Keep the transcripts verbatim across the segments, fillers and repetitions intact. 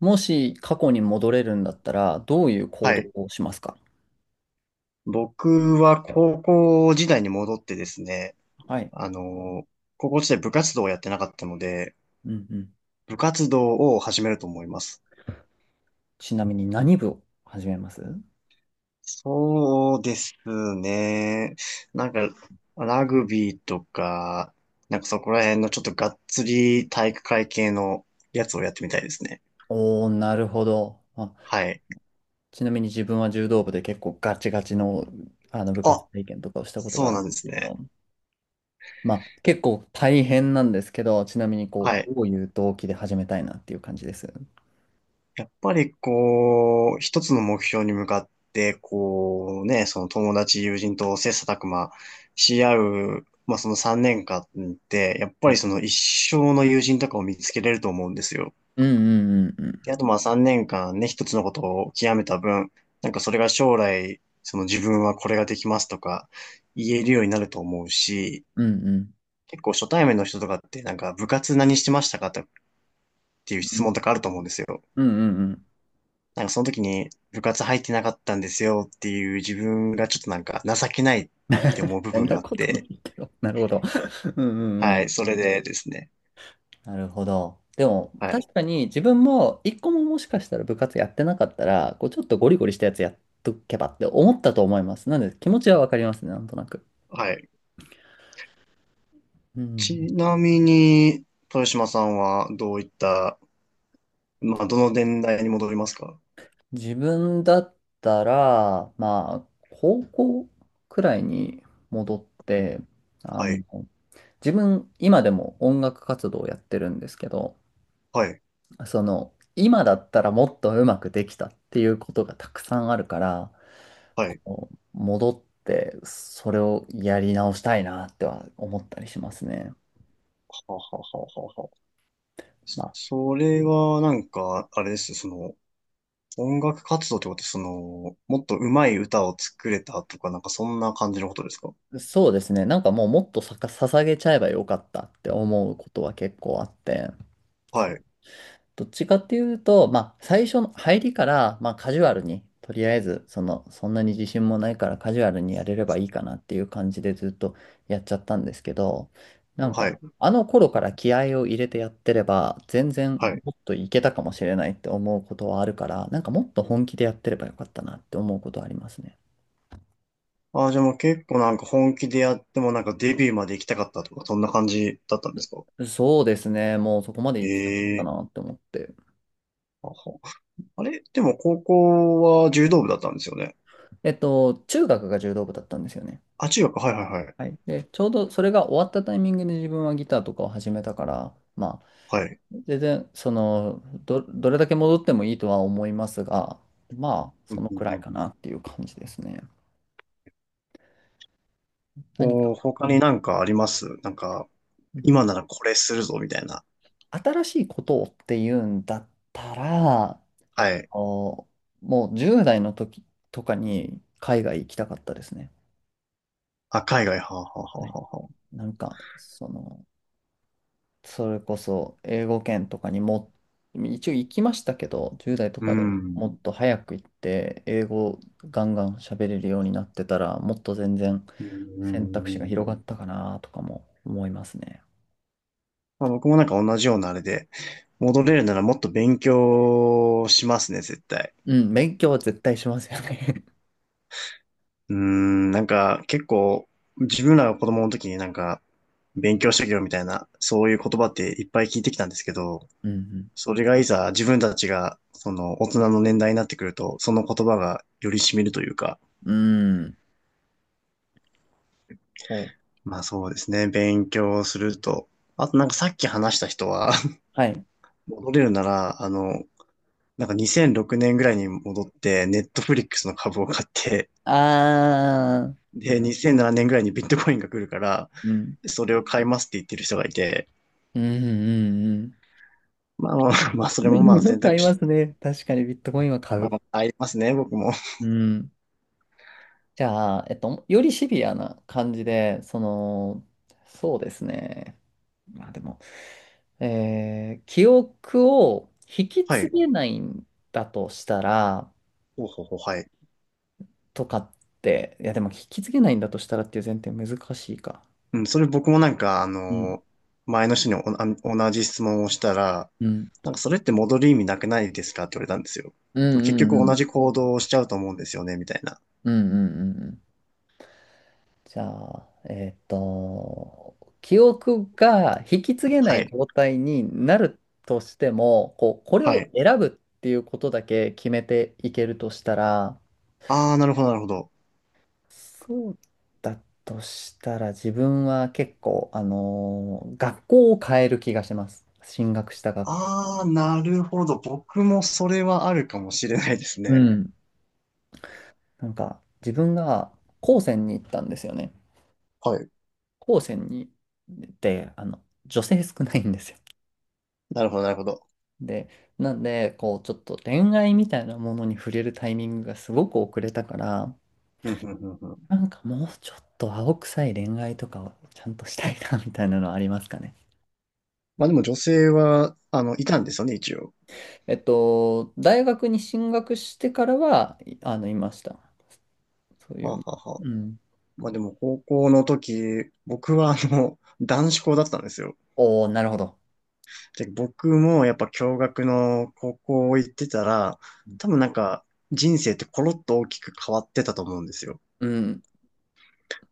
もし過去に戻れるんだったら、どういう行は動い。をしますか？僕は高校時代に戻ってですね、はい。あの、高校時代部活動をやってなかったので、うんうん。部活動を始めると思います。ちなみに何部を始めます？そうですね。なんか、ラグビーとか、なんかそこら辺のちょっとがっつり体育会系のやつをやってみたいですね。おー、なるほど。あ、はい。ちなみに自分は柔道部で結構ガチガチの、あの部活あ、体験とかをしたことそがうあるなんんでですすけね。ど、まあ結構大変なんですけど、ちなみにこはう、い。どういう動機で始めたいなっていう感じです。やっぱりこう、一つの目標に向かって、こうね、その友達、友人と切磋琢磨し合う、まあそのさんねんかんって、やっうぱりんその一生の友人とかを見つけれると思うんですよ。うんうんうん。で、あとまあさんねんかんね、一つのことを極めた分、なんかそれが将来、その自分はこれができますとか言えるようになると思うし、うんうん。結構初対面の人とかってなんか部活何してましたかっていうう質問んとかあると思うんですよ。うんうんうんうん。なんかその時に部活入ってなかったんですよっていう自分がちょっとなんか情けないって思う 部そん分ながあっことなて、いけど。なるほど。うんうはん。い、それでですね。なるほど。でも、はい、確かに自分も一個ももしかしたら部活やってなかったら、こうちょっとゴリゴリしたやつやっとけばって思ったと思います。なので気持ちはわかりますね、なんとなく。はい。うちん。なみに、豊島さんはどういった、まあ、どの年代に戻りますか？自分だったら、まあ、高校くらいに戻って、あはの、い、自分、今でも音楽活動をやってるんですけど、はい、その、今だったらもっとうまくできたっていうことがたくさんあるから、はい。戻って、それをやり直したいなっては思ったりしますね。ははははは。まそれはなんか、あれです、その、音楽活動ってこと、その、もっと上手い歌を作れたとか、なんかそんな感じのことですか？あ、そうですね。なんかもうもっとさか、捧げちゃえばよかったって思うことは結構あって。はい、どっちかっていうと、まあ、最初の入りから、まあ、カジュアルに、とりあえず、その、そんなに自信もないからカジュアルにやれればいいかなっていう感じでずっとやっちゃったんですけど、なんはい、か、あの頃から気合を入れてやってれば、全然はい。もっといけたかもしれないって思うことはあるから、なんかもっと本気でやってればよかったなって思うことはありますね。ああ、じゃあもう結構なんか本気でやってもなんかデビューまで行きたかったとか、そんな感じだったんですか？そうですね。もうそこまで行きたかったええ、なって思って。あ、ほ、あれでも高校は柔道部だったんですよね。えっと、中学が柔道部だったんですよね。あ、中学、はいはいはい。はい。で、ちょうどそれが終わったタイミングで自分はギターとかを始めたから、まあ、はい。全然、その、ど、どれだけ戻ってもいいとは思いますが、まあ、うそんのうくんうらいんかうん、なっていう感じですね。何こか、う、他になんかあります？なんか、うん、今ならこれするぞ、みたいな。新しいことをっていうんだったら、えはっい。と、もうじゅう代の時とかに海外行きたかったですね。あ、海外、はあ、はあはあはい。はあはあ。なんか、その、それこそ英語圏とかにも、一応行きましたけど、じゅう代とうかでん。もっと早く行って、英語ガンガン喋れるようになってたら、もっと全然うんう選択肢がん広うがん、ったかなとかも思いますね。まあ、僕もなんか同じようなあれで、戻れるならもっと勉強しますね、絶対。うん、勉強は絶対しますよね。 うーん、なんか結構自分らが子供の時になんか勉強してきろみたいなそういう言葉っていっぱい聞いてきたんですけど、うんそれがいざ自分たちがその大人の年代になってくると、その言葉がより染みるというか、うん。うん。こう。まあそうですね、勉強すると、あとなんかさっき話した人は、 はい。戻れるなら、あの、なんかにせんろくねんぐらいに戻って、ネットフリックスの株を買って、あー。で、にせんななねんぐらいにビットコインが来るから、うん。それを買いますって言ってる人がいて、うんうんうんうん。まあまあ、まあ、それ もまあ今選買い択ま肢、すね。確かにビットコインは買まう。あ、ありますね、僕も。うん。じゃあ、えっと、よりシビアな感じで、その、そうですね。まあでも、えー記憶を引きは継い。げないんだとしたら、ほうほうほう、はい。とかって、いやでも引き継げないんだとしたらっていう前提難しいか。うん、それ僕もなんか、あうん。の、前の人に、お、あ、同じ質問をしたら、うん。なんかそれって戻る意味なくないですか？って言われたんですよ。うでもん結うんう局同ん。じ行動をしちゃうと思うんですよね、みたいな。うんうんうんうん。じゃあ、えっと、記憶が引き継げなはいい。状態になるとしても、こう、これはをい。選ぶっていうことだけ決めていけるとしたら、ああ、なるほど、なるほど。そうだとしたら自分は結構、あのー学校を変える気がします。進学した学校。ああ、なるほど。僕もそれはあるかもしれないですうね。ん。なんか、自分が高専に行ったんですよね。はい。高専に、で、あの、女性少ないんですよ。なるほど、なるほど。で、なんで、こう、ちょっと恋愛みたいなものに触れるタイミングがすごく遅れたから、うん、うん、うん、うん。なんかもうちょっと青臭い恋愛とかをちゃんとしたいな、みたいなのはありますかね。まあでも女性は、あの、いたんですよね、一応。えっと、大学に進学してからは、いあの、いました。そういはう。あはあはあ、うん。まあでも高校の時、僕はあの、男子校だったんですよ。おー、なるほど。で、僕もやっぱ共学の高校行ってたら、多分なんか人生ってコロッと大きく変わってたと思うんですよ。うん、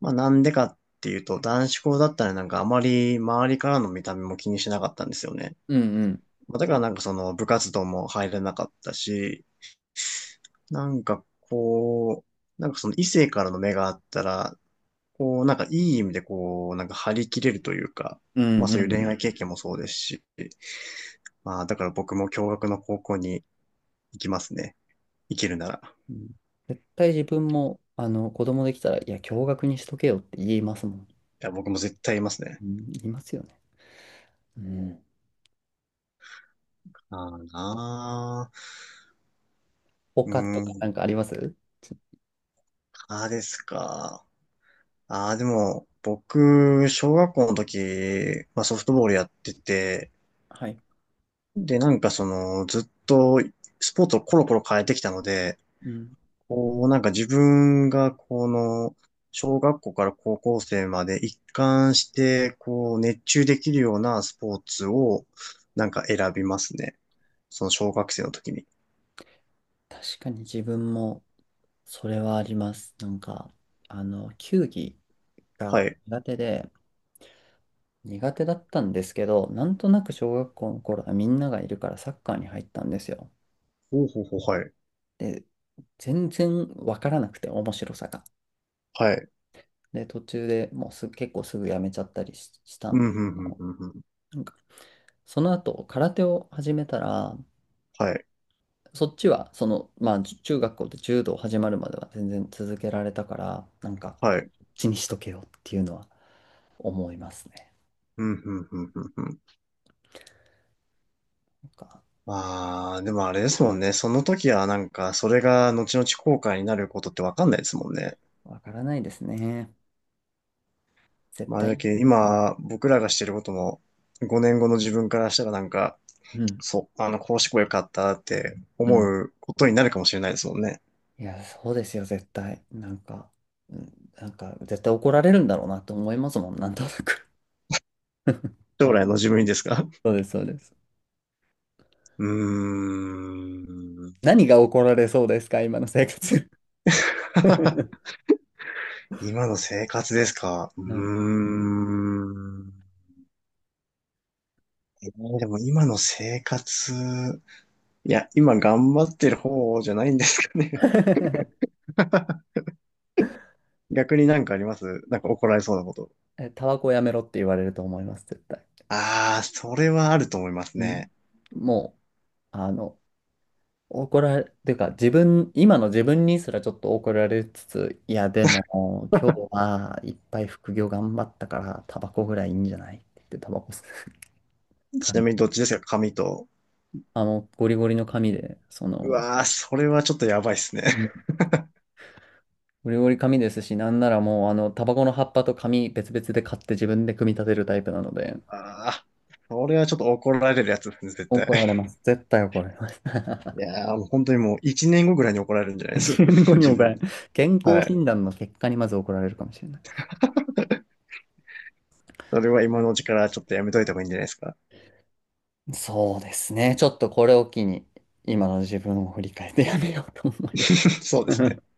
まあなんでかっていうと、男子校だったらなんかあまり周りからの見た目も気にしなかったんですよね。うん、うん、まあだからなんかその部活動も入れなかったし、なんかこう、なんかその異性からの目があったら、こう、なんかいい意味でこう、なんか張り切れるというか、うまあん、うそういう恋ん。愛経験もそうですし、まあだから僕も共学の高校に行きますね。行けるなら。うん、絶対自分も、あの、子供できたら、いや、共学にしとけよって言いますもん。いや、僕も絶対いますね。うん、言いますよね。うん。ああなあ、うー他とかなん、んかあります？ああですか。ああ、でも、僕、小学校の時、まあソフトボールやってて、はい。で、なんかその、ずっとスポーツをコロコロ変えてきたので、うん。こう、なんか自分がこの、小学校から高校生まで一貫して、こう、熱中できるようなスポーツを、なんか選びますね。その小学生の時に。確かに自分もそれはあります。なんか、あの、球技はがい。苦手で、苦手だったんですけど、なんとなく小学校の頃はみんながいるからサッカーに入ったんですよ。ほうほうほう、はい。で、全然わからなくて面白さが。はい。で、途中でもうすぐ、結構すぐやめちゃったりし、したうん、んうですん、けうん、ど、うん、うん。なんか、その後空手を始めたら、はい。そっちは、その、まあ、じ中学校で柔道始まるまでは全然続けられたから、なんか、はい。こっちにしとけよっていうのは思いますね。うん、うん、うん、うん。うん、なんか、まあ、でもあれですもんね。その時はなんか、それが後々後悔になることってわかんないですもんね。わからないですね。絶まあ、だ対。けど今、僕らがしてることも、ごねんごの自分からしたらなんか、うん。そう、あの、こうしてこよかったってう思ん。うことになるかもしれないですもんね。いや、そうですよ、絶対。なんか、うん、なんか、絶対怒られるんだろうなと思いますもん、なんとなく。将来の自分にですか？そうです、そうです。うーん。何が怒られそうですか、今の生活。は 今の生活ですか？うい。ーん。えー、でも今の生活、いや、今頑張ってる方じゃないんですかね。逆になんかあります？なんか怒られそうなこと。え、タバコやめろって言われると思います、絶対。ああ、それはあると思いますうん。ね。もう、あの、怒られ、ていうか自分、今の自分にすらちょっと怒られつつ、いやでも今日はいっぱい副業頑張ったからタバコぐらいいいんじゃないって言ってタバコ吸うちな紙。みにどっちですか？紙と。あの、ゴリゴリの紙で、そうの、わあ、それはちょっとやばいっすね。うん、ゴリゴリ紙ですし、なんならもうあの、タバコの葉っぱと紙別々で買って自分で組み立てるタイプなので、ああ、これはちょっと怒られるやつですね、絶対。怒られ ます。絶対怒られます。い やー、もう本当にもう一年後ぐらいに怒られるんじゃないです？ 健康 に自も怒られ分。る、健は康い。診断の結果にまず怒られるかもしれない。それは今のうちからちょっとやめといた方がいいんじゃないですか。そうですね。ちょっとこれを機に、今の自分を振り返ってやめようと思います。そうですね。